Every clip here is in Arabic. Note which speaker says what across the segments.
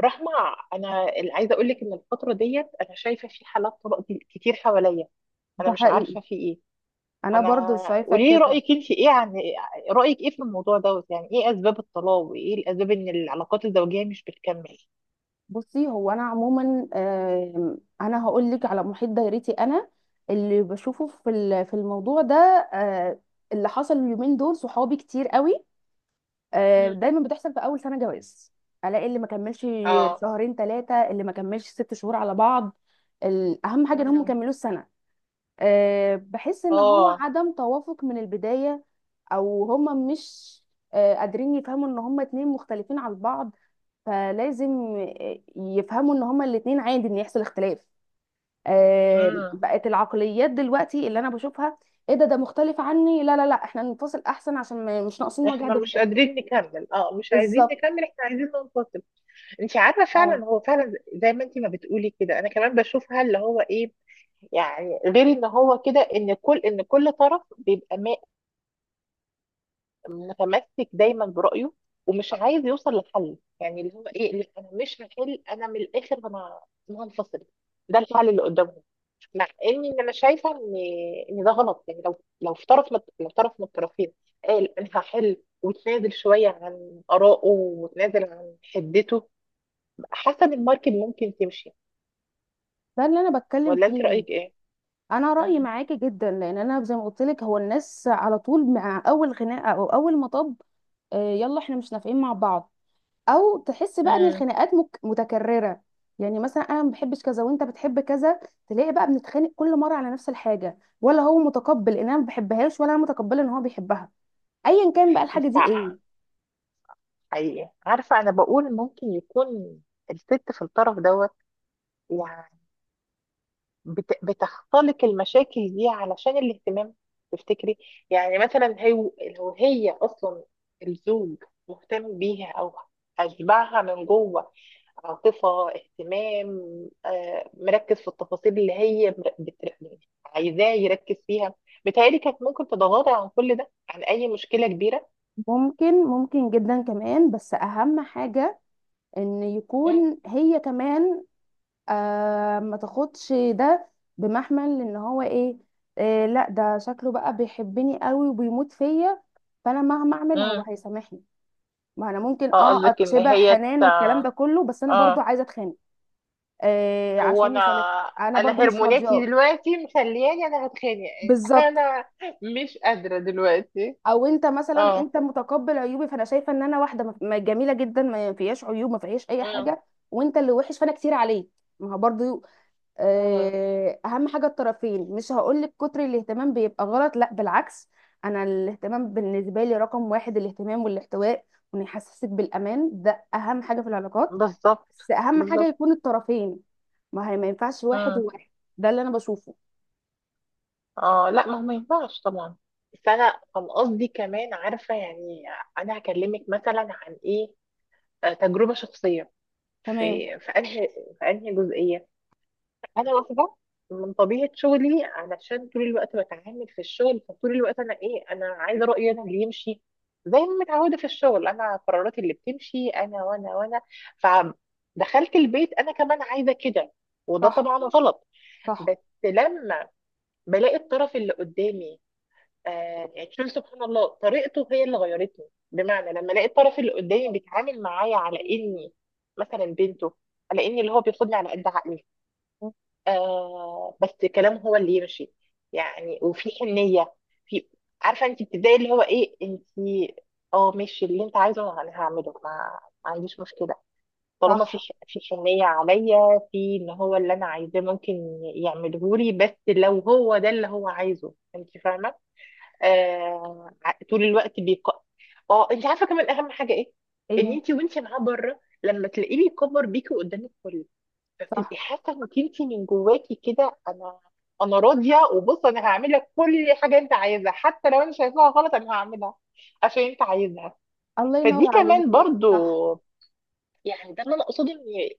Speaker 1: رحمة، أنا اللي عايزة أقول لك إن الفترة ديت أنا شايفة في حالات طلاق دي كتير حواليا. أنا
Speaker 2: ده
Speaker 1: مش
Speaker 2: حقيقي.
Speaker 1: عارفة في إيه.
Speaker 2: انا
Speaker 1: أنا
Speaker 2: برضو شايفه
Speaker 1: قولي لي
Speaker 2: كده.
Speaker 1: رأيك أنت إيه رأيك إيه في الموضوع دوت؟ يعني إيه أسباب الطلاق وإيه الأسباب إن العلاقات الزوجية مش بتكمل؟
Speaker 2: بصي، هو انا عموما انا هقول لك على محيط دايرتي. انا اللي بشوفه في في الموضوع ده. آه، اللي حصل اليومين دول صحابي كتير قوي.
Speaker 1: مم.
Speaker 2: دايما بتحصل في اول سنه جواز. الاقي اللي ما كملش
Speaker 1: آه.
Speaker 2: شهرين ثلاثه، اللي ما كملش 6 شهور على بعض. اهم حاجه ان هم
Speaker 1: مم.
Speaker 2: كملوا السنه. بحس ان هو
Speaker 1: آه.
Speaker 2: عدم توافق من البدايه، او هم مش قادرين يفهموا ان هم اتنين مختلفين عن بعض. فلازم يفهموا ان هما الاتنين عادي ان يحصل اختلاف.
Speaker 1: مم.
Speaker 2: بقت العقليات دلوقتي اللي انا بشوفها: ايه ده مختلف عني، لا لا لا، احنا ننفصل احسن عشان مش ناقصين وجع
Speaker 1: إحنا مش
Speaker 2: دماغ.
Speaker 1: قادرين نكمل، مش عايزين
Speaker 2: بالظبط.
Speaker 1: نكمل، إحنا عايزين ننفصل. انت عارفه
Speaker 2: اه
Speaker 1: فعلا هو فعلا زي ما انت ما بتقولي كده انا كمان بشوفها اللي هو ايه. يعني غير ان هو كده، ان كل طرف بيبقى متمسك دايما برأيه، ومش عايز يوصل لحل. يعني اللي هو ايه، اللي انا مش هحل، انا من الاخر انا أنا هنفصل، ده الحل
Speaker 2: صح،
Speaker 1: اللي قدامهم. مع ان إن انا شايفه ان ان ده غلط. يعني لو في لو طرف من الطرفين قال انا هحل، وتنازل شويه عن آرائه وتنازل عن حدته، حسب الماركت ممكن تمشي.
Speaker 2: ده اللي انا بتكلم
Speaker 1: ولا انت
Speaker 2: فيه.
Speaker 1: رأيك ايه؟
Speaker 2: انا رايي
Speaker 1: مم.
Speaker 2: معاكي جدا، لان انا زي ما قلت لك، هو الناس على طول مع اول خناقه او اول مطب يلا احنا مش نافقين مع بعض، او تحس بقى ان
Speaker 1: مم.
Speaker 2: الخناقات متكرره. يعني مثلا انا ما بحبش كذا وانت بتحب كذا، تلاقي بقى بنتخانق كل مره على نفس الحاجه، ولا هو متقبل ان انا ما بحبهاش ولا انا متقبله ان هو بيحبها، ايا كان بقى الحاجه
Speaker 1: بس
Speaker 2: دي
Speaker 1: ع-
Speaker 2: ايه.
Speaker 1: حقيقي عارفة، انا بقول ممكن يكون الست في الطرف دوت يعني بتختلق المشاكل دي علشان الاهتمام. تفتكري؟ يعني مثلا هي، لو هي اصلا الزوج مهتم بيها او اشبعها من جوه عاطفة اهتمام، مركز في التفاصيل اللي هي عايزاه يركز فيها، بتهيألي كانت ممكن تتغاضى عن كل ده، عن اي مشكلة كبيرة.
Speaker 2: ممكن، ممكن جدا كمان، بس اهم حاجه ان يكون هي كمان ما تاخدش ده بمحمل ان هو ايه، لا ده شكله بقى بيحبني قوي وبيموت فيا، فانا مهما اعمل هو
Speaker 1: مم.
Speaker 2: هيسامحني. ما انا ممكن
Speaker 1: اه قصدك ان
Speaker 2: اتشبع حنان والكلام ده كله، بس انا برضو
Speaker 1: اه.
Speaker 2: عايزه اتخانق
Speaker 1: هو
Speaker 2: عشان
Speaker 1: انا
Speaker 2: يصالحني، انا
Speaker 1: انا
Speaker 2: برضو مش
Speaker 1: هرموناتي
Speaker 2: راضياك.
Speaker 1: دلوقتي مخلياني انا هتخانق
Speaker 2: بالظبط.
Speaker 1: انا مش قادرة دلوقتي.
Speaker 2: او انت مثلا
Speaker 1: اه.
Speaker 2: انت متقبل عيوبي، فانا شايفه ان انا واحده جميله جدا، ما فيهاش عيوب ما فيهاش اي
Speaker 1: اه.
Speaker 2: حاجه، وانت اللي وحش فانا كتير عليك. ما هو برضو
Speaker 1: اه.
Speaker 2: اهم حاجه الطرفين. مش هقولك كتر الاهتمام بيبقى غلط، لا بالعكس، انا الاهتمام بالنسبه لي رقم واحد، الاهتمام والاحتواء وان يحسسك بالامان، ده اهم حاجه في العلاقات.
Speaker 1: بالظبط.
Speaker 2: بس اهم حاجه
Speaker 1: بالظبط.
Speaker 2: يكون الطرفين، ما هي ما ينفعش واحد
Speaker 1: اه.
Speaker 2: وواحد. ده اللي انا بشوفه.
Speaker 1: اه، لا ما هو ما ينفعش طبعا. بس انا كان قصدي كمان عارفة يعني، انا هكلمك مثلا عن ايه، تجربة شخصية، في
Speaker 2: تمام.
Speaker 1: في انهي في انهي جزئية. انا واخده من طبيعه شغلي، علشان طول الوقت بتعامل في الشغل فطول الوقت انا ايه، انا عايزه رايي انا اللي يمشي، زي ما متعوده في الشغل انا قراراتي اللي بتمشي انا وانا وانا. فدخلت البيت انا كمان عايزه كده، وده
Speaker 2: صح،
Speaker 1: طبعا غلط.
Speaker 2: صح،
Speaker 1: بس لما بلاقي الطرف اللي قدامي، آه يعني شوف سبحان الله طريقته هي اللي غيرتني. بمعنى لما الاقي الطرف اللي قدامي بيتعامل معايا على اني مثلا بنته، على اني اللي هو بياخدني على قد عقلي، آه بس كلامه هو اللي يمشي، يعني وفي حنية، في، عارفة انت بتبدأي اللي هو ايه انت اه ماشي اللي انت عايزه انا هعمله، ما عنديش مشكلة، طالما في
Speaker 2: صح.
Speaker 1: في حنية عليا، في ان هو اللي انا عايزاه ممكن يعمله لي، بس لو هو ده اللي هو عايزه، انت فاهمة. طول الوقت اه. انت عارفة كمان اهم حاجة ايه؟ ان
Speaker 2: ايه
Speaker 1: انت وانت معاه بره لما تلاقيه بيكبر بيكي قدام الكل، فبتبقي
Speaker 2: صح.
Speaker 1: حاسه انك انت من جواكي كده انا، انا راضيه، وبص انا هعمل لك كل حاجه انت عايزها حتى لو انا شايفاها غلط انا هعملها عشان انت عايزها.
Speaker 2: الله ينور
Speaker 1: فدي كمان
Speaker 2: عليكي.
Speaker 1: برضو،
Speaker 2: صح،
Speaker 1: يعني ده اللي انا اقصده،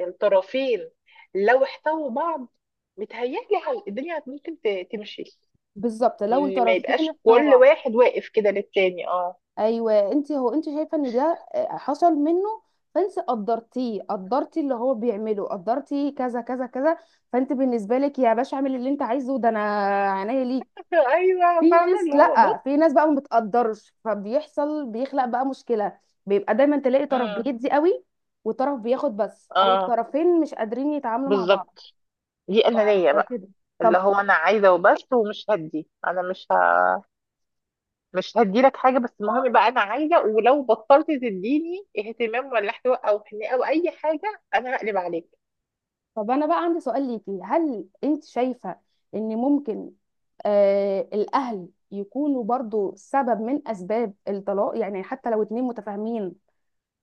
Speaker 1: ان الطرفين لو احتووا بعض متهيألي الدنيا ممكن تمشي،
Speaker 2: بالظبط لو
Speaker 1: ان ما
Speaker 2: الطرفين
Speaker 1: يبقاش كل
Speaker 2: احتوى.
Speaker 1: واحد واقف كده للتاني. اه
Speaker 2: ايوه، انت هو انت شايفه ان ده حصل منه، فانت قدرتيه، قدرتي اللي هو بيعمله، قدرتي كذا كذا كذا، فانت بالنسبه لك يا باشا اعمل اللي انت عايزه، ده انا عينيا ليك.
Speaker 1: ايوه
Speaker 2: في
Speaker 1: فاهمه
Speaker 2: ناس،
Speaker 1: اللي هو
Speaker 2: لا،
Speaker 1: بص.
Speaker 2: في ناس بقى ما بتقدرش، فبيحصل بيخلق بقى مشكله. بيبقى دايما تلاقي طرف
Speaker 1: مم.
Speaker 2: بيدي قوي وطرف بياخد بس، او
Speaker 1: اه.
Speaker 2: الطرفين مش قادرين يتعاملوا مع بعض
Speaker 1: بالظبط. دي انانيه بقى،
Speaker 2: كده.
Speaker 1: اللي هو انا عايزه وبس ومش هدي، انا مش ه... مش هديلك حاجة، بس المهم يبقى أنا عايزة، ولو بطلت تديني اهتمام ولا احتواء أو حنية أو أي حاجة أنا هقلب عليك.
Speaker 2: طب انا بقى عندي سؤال ليكي، هل انت شايفة ان ممكن الاهل يكونوا برضو سبب من اسباب الطلاق؟ يعني حتى لو اتنين متفاهمين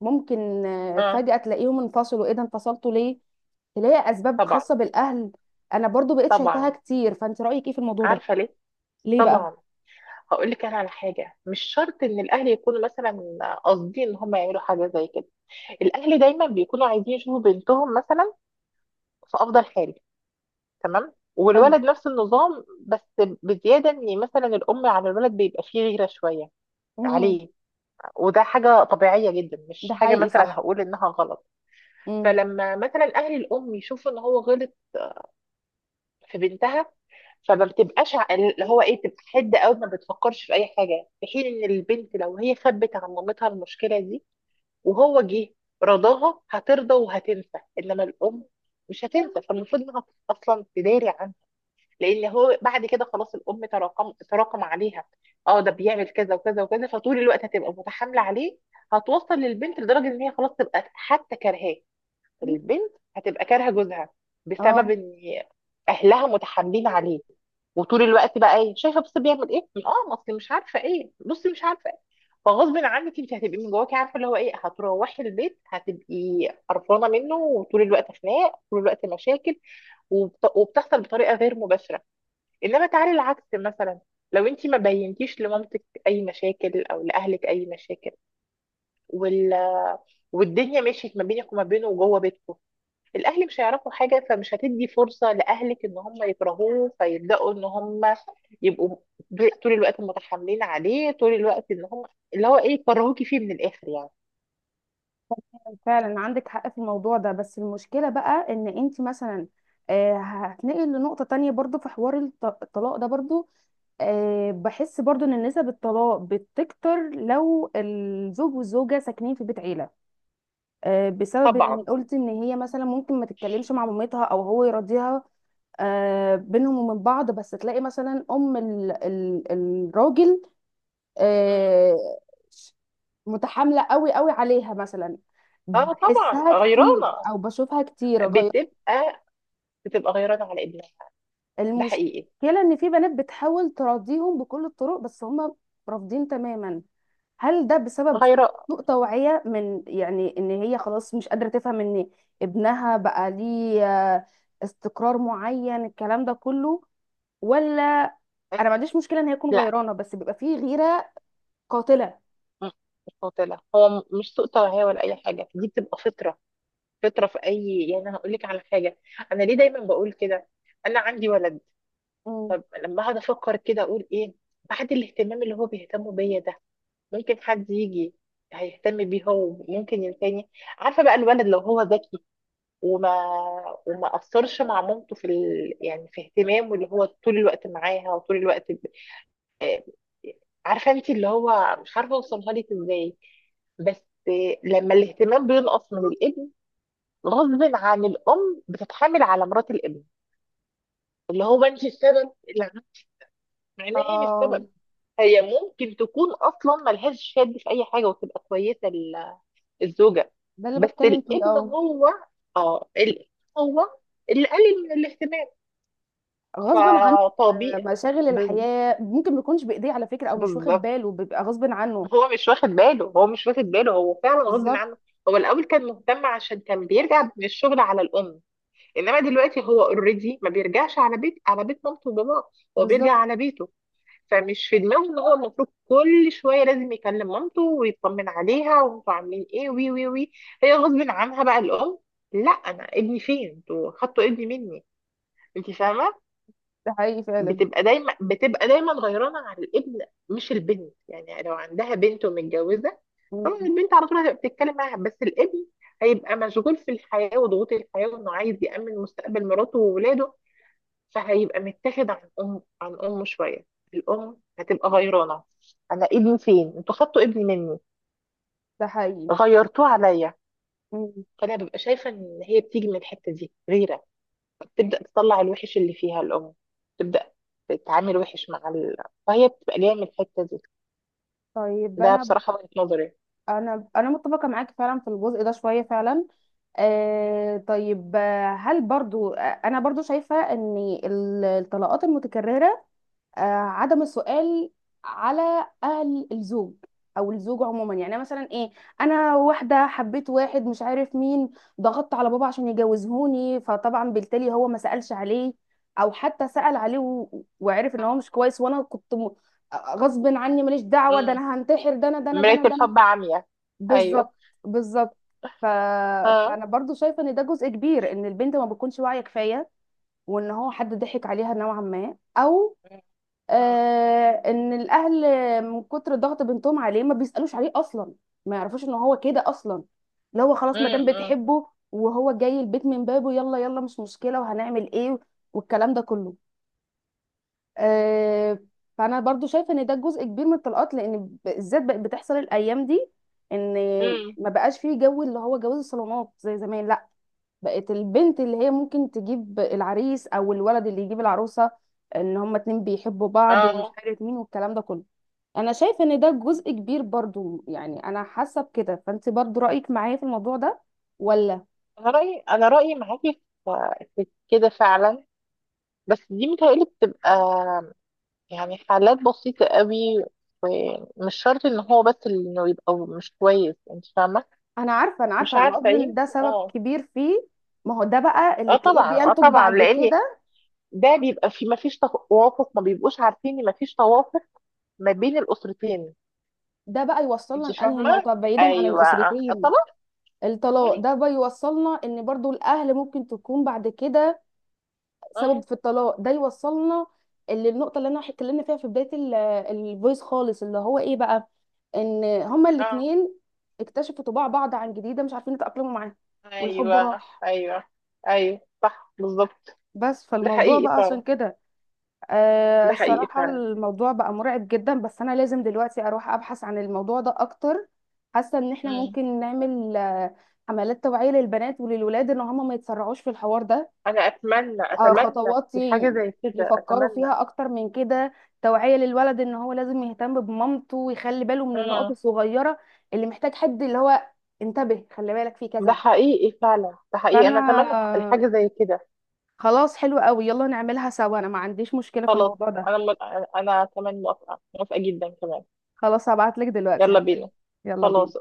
Speaker 2: ممكن
Speaker 1: آه.
Speaker 2: فجأة تلاقيهم انفصلوا، ايه ده انفصلتوا ليه؟ تلاقي اسباب
Speaker 1: طبعا.
Speaker 2: خاصة بالاهل. انا برضو بقيت شايفاها
Speaker 1: طبعا.
Speaker 2: كتير، فانت رأيك ايه في الموضوع ده؟
Speaker 1: عارفة ليه؟
Speaker 2: ليه بقى؟
Speaker 1: طبعا. هقول لك أنا على حاجة، مش شرط إن الأهل يكونوا مثلا قاصدين إن هم يعملوا حاجة زي كده. الأهل دايما بيكونوا عايزين يشوفوا بنتهم مثلا في أفضل حال، تمام،
Speaker 2: حلو.
Speaker 1: والولد نفس النظام، بس بزيادة إن مثلا الأم على الولد بيبقى فيه غيرة شوية
Speaker 2: امم
Speaker 1: عليه، وده حاجة طبيعية جدا،
Speaker 2: ده
Speaker 1: مش حاجة
Speaker 2: حقيقي
Speaker 1: مثلا
Speaker 2: صح.
Speaker 1: هقول إنها غلط.
Speaker 2: امم
Speaker 1: فلما مثلا اهل الام يشوفوا ان هو غلط في بنتها، فما اللي هو ايه، بتبقى حد قوي، ما بتفكرش في اي حاجه، في حين ان البنت لو هي خبت عن مامتها المشكله دي وهو جه رضاها هترضى وهتنسى، انما الام مش هتنسى. فالمفروض انها اصلا تداري عنه، لان هو بعد كده خلاص الام تراكم تراكم عليها، اه ده بيعمل كذا وكذا وكذا، فطول الوقت هتبقى متحامله عليه، هتوصل للبنت لدرجه ان هي خلاص تبقى حتى كرهاه، البنت هتبقى كارهه جوزها بسبب
Speaker 2: اه
Speaker 1: ان اهلها متحاملين عليه، وطول الوقت بقى ايه شايفه بص بيعمل ايه، اه ما اصل مش عارفه ايه، بصي مش عارفه ايه، فغصب عنك انت هتبقي من جواكي عارفه اللي هو ايه، هتروحي البيت هتبقي قرفانه منه، وطول الوقت خناق، طول الوقت مشاكل، وبتحصل بطريقه غير مباشره. انما تعالي العكس مثلا، لو انت ما بينتيش لمامتك اي مشاكل او لاهلك اي مشاكل، وال... والدنيا مشيت ما بينك وما بينه وجوه بيتكم، الاهل مش هيعرفوا حاجه، فمش هتدي فرصه لاهلك ان هم يكرهوه، فيبداوا ان هم يبقوا طول الوقت متحاملين عليه، طول الوقت ان هم اللي هو ايه يكرهوكي فيه من الاخر يعني.
Speaker 2: فعلا عندك حق في الموضوع ده. بس المشكلة بقى ان انت مثلا هتنقل لنقطة تانية برضو في حوار الطلاق ده برضو. بحس برضو ان نسب الطلاق بتكتر لو الزوج والزوجة ساكنين في بيت عيلة، بسبب
Speaker 1: طبعا.
Speaker 2: ان قلت ان هي مثلا ممكن ما تتكلمش مع مامتها او هو يراضيها بينهم وبين بعض. بس تلاقي مثلا ام الراجل
Speaker 1: مم.
Speaker 2: آه، متحاملة قوي قوي عليها مثلا،
Speaker 1: اه طبعا
Speaker 2: بحسها كتير
Speaker 1: غيرانه،
Speaker 2: او بشوفها كتير غير.
Speaker 1: بتبقى بتبقى غيرانه على ابنها. ده حقيقي.
Speaker 2: المشكلة ان في بنات بتحاول تراضيهم بكل الطرق بس هم رافضين تماما. هل ده بسبب
Speaker 1: غيرانه.
Speaker 2: سوء توعية، من يعني ان هي خلاص مش قادرة تفهم ان ابنها بقى ليه آه، استقرار معين، الكلام ده كله؟ ولا انا ما عنديش مشكلة ان هي تكون
Speaker 1: لا.
Speaker 2: غيرانة، بس بيبقى فيه غيرة قاتلة.
Speaker 1: مم. مش قاتله. هو مش سوء توعيه ولا اي حاجه، دي بتبقى فطره، فطره في اي، يعني انا هقول لك على حاجه، انا ليه دايما بقول كده، انا عندي ولد.
Speaker 2: مم.
Speaker 1: طب لما اقعد افكر كده اقول ايه، بعد الاهتمام اللي هو بيهتموا بيا ده ممكن حد يجي هيهتم بيه هو ممكن ينساني. عارفه بقى الولد لو هو ذكي، وما وما اثرش مع مامته في يعني في اهتمامه اللي هو طول الوقت معاها وطول الوقت آه، عارفه انت اللي هو مش عارفه اوصلها لك ازاي، بس لما الاهتمام بينقص من الابن، غصب عن الام بتتحامل على مرات الابن، اللي هو انت السبب اللي مع انها هي مش
Speaker 2: اه،
Speaker 1: سبب، هي ممكن تكون اصلا ملهاش شد في اي حاجه وتبقى كويسه الزوجه.
Speaker 2: ده اللي
Speaker 1: بس
Speaker 2: بتكلم فيه.
Speaker 1: الابن
Speaker 2: اه
Speaker 1: هو، اه الابن هو اللي قلل من الاهتمام،
Speaker 2: غصب عنه،
Speaker 1: فطبيعي.
Speaker 2: مشاغل
Speaker 1: بز-
Speaker 2: الحياة ممكن ما يكونش بإيديه على فكرة، أو مش واخد
Speaker 1: بالظبط.
Speaker 2: باله، بيبقى غصب عنه.
Speaker 1: هو مش واخد باله، هو مش واخد باله، هو فعلا غصب
Speaker 2: بالظبط.
Speaker 1: عنه. هو الاول كان مهتم عشان كان بيرجع من الشغل على الام، انما دلوقتي هو اوريدي ما بيرجعش على بيت، على بيت مامته وباباه، هو بيرجع
Speaker 2: بالظبط.
Speaker 1: على بيته، فمش في دماغه ان هو المفروض كل شويه لازم يكلم مامته ويطمن عليها وانتوا عاملين ايه، وي وي وي، هي غصب عنها بقى الام، لا انا ابني فين، انتوا خدتوا ابني مني. انت فاهمه.
Speaker 2: ده حقيقي فعلا.
Speaker 1: بتبقى دايما غيرانه على الابن مش البنت. يعني لو عندها بنت ومتجوزه طبعا
Speaker 2: مم.
Speaker 1: البنت على طول هتبقى بتتكلم معاها، بس الابن هيبقى مشغول في الحياه وضغوط الحياه وانه عايز يامن مستقبل مراته وولاده، فهيبقى متاخد عن أم عن أمه شوية، الأم هتبقى غيرانة، أنا ابني فين؟ انتوا خدتوا ابني مني،
Speaker 2: ده حقيقي.
Speaker 1: غيرتوه عليا.
Speaker 2: مم.
Speaker 1: فأنا ببقى شايفة إن هي بتيجي من الحتة دي غيرة، بتبدأ تطلع الوحش اللي فيها الأم، تبدأ تتعامل وحش مع فهي بتبقى جاية من الحتة دي.
Speaker 2: طيب،
Speaker 1: ده بصراحة وجهة نظري.
Speaker 2: أنا متفقة معاك فعلا في الجزء ده شوية فعلا. طيب، هل برضو أنا برضو شايفة إن الطلاقات المتكررة آه، عدم السؤال على اهل الزوج او الزوج عموما. يعني مثلا ايه، انا واحده حبيت واحد مش عارف مين، ضغطت على بابا عشان يجوزهوني، فطبعا بالتالي هو ما سالش عليه، او حتى سال عليه وعرف ان هو مش
Speaker 1: آه.
Speaker 2: كويس، وانا كنت غصب عني ماليش دعوه، ده
Speaker 1: مم.
Speaker 2: انا هنتحر، ده انا، ده انا، ده
Speaker 1: مراية
Speaker 2: انا، ده انا.
Speaker 1: الحب عمياء. أيوه.
Speaker 2: بالظبط. بالظبط. ف...
Speaker 1: اه.
Speaker 2: فانا برضو شايفه ان ده جزء كبير، ان البنت ما بتكونش واعيه كفايه، وان هو حد ضحك عليها نوعا ما، او
Speaker 1: اه.
Speaker 2: ان الاهل من كتر ضغط بنتهم عليه ما بيسالوش عليه اصلا، ما يعرفوش ان هو كده اصلا، اللي هو خلاص ما دام
Speaker 1: امم.
Speaker 2: بتحبه وهو جاي البيت من بابه، يلا يلا مش مشكله وهنعمل ايه، والكلام ده كله. آه فانا برضو شايفه ان ده جزء كبير من الطلاقات، لان بالذات بقت بتحصل الايام دي، ان
Speaker 1: امم.
Speaker 2: ما بقاش فيه جو اللي هو جواز الصالونات زي زمان، لا بقت البنت اللي هي ممكن تجيب العريس او الولد اللي يجيب العروسه، ان هما اتنين بيحبوا بعض ومش
Speaker 1: اه.
Speaker 2: عارف مين والكلام ده كله. انا شايفه ان ده جزء كبير برضو، يعني انا حاسه بكده، فانت برضو رايك معايا في الموضوع ده ولا؟
Speaker 1: انا رايي معاكي في، في كده فعلا. بس دي متهيألي بتبقى يعني حالات بسيطة قوي، ومش شرط ان هو بس اللي انه يبقى مش كويس، انت فاهمة.
Speaker 2: انا عارفه، انا
Speaker 1: مش
Speaker 2: عارفه، انا
Speaker 1: عارفة،
Speaker 2: قصدي ان ده
Speaker 1: يمكن
Speaker 2: سبب
Speaker 1: اه.
Speaker 2: كبير فيه. ما هو ده بقى اللي
Speaker 1: اه
Speaker 2: تلاقيه
Speaker 1: طبعا، اه
Speaker 2: بينتج
Speaker 1: طبعا،
Speaker 2: بعد
Speaker 1: لان
Speaker 2: كده.
Speaker 1: ده بيبقى في ما فيش توافق، ما بيبقوش عارفين ان ما فيش توافق ما بين الأسرتين.
Speaker 2: ده بقى يوصلنا
Speaker 1: انت
Speaker 2: لانهي
Speaker 1: فاهمة.
Speaker 2: نقطه، بعيدا عن
Speaker 1: ايوه. آه.
Speaker 2: الاسرتين
Speaker 1: طبعا.
Speaker 2: الطلاق
Speaker 1: مم.
Speaker 2: ده بقى يوصلنا ان برضو الاهل ممكن تكون بعد كده سبب
Speaker 1: مم.
Speaker 2: في الطلاق. ده يوصلنا للنقطه اللي انا اتكلمنا فيها في بدايه الفويس خالص، اللي هو ايه بقى، ان هما
Speaker 1: اه.
Speaker 2: الاثنين اكتشفوا طباع بعض عن جديده، مش عارفين يتاقلموا معاها والحب
Speaker 1: ايوه.
Speaker 2: راح.
Speaker 1: ايوه. ايوه صح بالظبط.
Speaker 2: بس
Speaker 1: ده
Speaker 2: فالموضوع
Speaker 1: حقيقي
Speaker 2: بقى عشان
Speaker 1: فعلا.
Speaker 2: كده
Speaker 1: ده حقيقي
Speaker 2: الصراحه، الموضوع بقى مرعب جدا، بس انا لازم دلوقتي اروح ابحث عن الموضوع ده اكتر. حاسه ان احنا
Speaker 1: فعلا.
Speaker 2: ممكن نعمل حملات توعيه للبنات وللولاد ان هم ما يتسرعوش في الحوار ده،
Speaker 1: انا اتمنى، اتمنى
Speaker 2: خطوات
Speaker 1: الحاجه زي كده،
Speaker 2: يفكروا
Speaker 1: اتمنى.
Speaker 2: فيها اكتر من كده. توعية للولد ان هو لازم يهتم بمامته ويخلي باله من النقط
Speaker 1: امم.
Speaker 2: الصغيرة، اللي محتاج حد اللي هو انتبه خلي بالك في
Speaker 1: ده
Speaker 2: كذا.
Speaker 1: حقيقي فعلا. ده حقيقي. انا
Speaker 2: فانا
Speaker 1: اتمنى
Speaker 2: آه،
Speaker 1: الحاجه زي كده.
Speaker 2: خلاص حلو قوي، يلا نعملها سوا، انا ما عنديش مشكلة في
Speaker 1: خلاص.
Speaker 2: الموضوع ده.
Speaker 1: انا م... انا كمان موافقه، موافقه جدا كمان.
Speaker 2: خلاص، هبعت لك دلوقتي
Speaker 1: يلا
Speaker 2: حالا.
Speaker 1: بينا.
Speaker 2: يلا
Speaker 1: خلاص.
Speaker 2: بينا.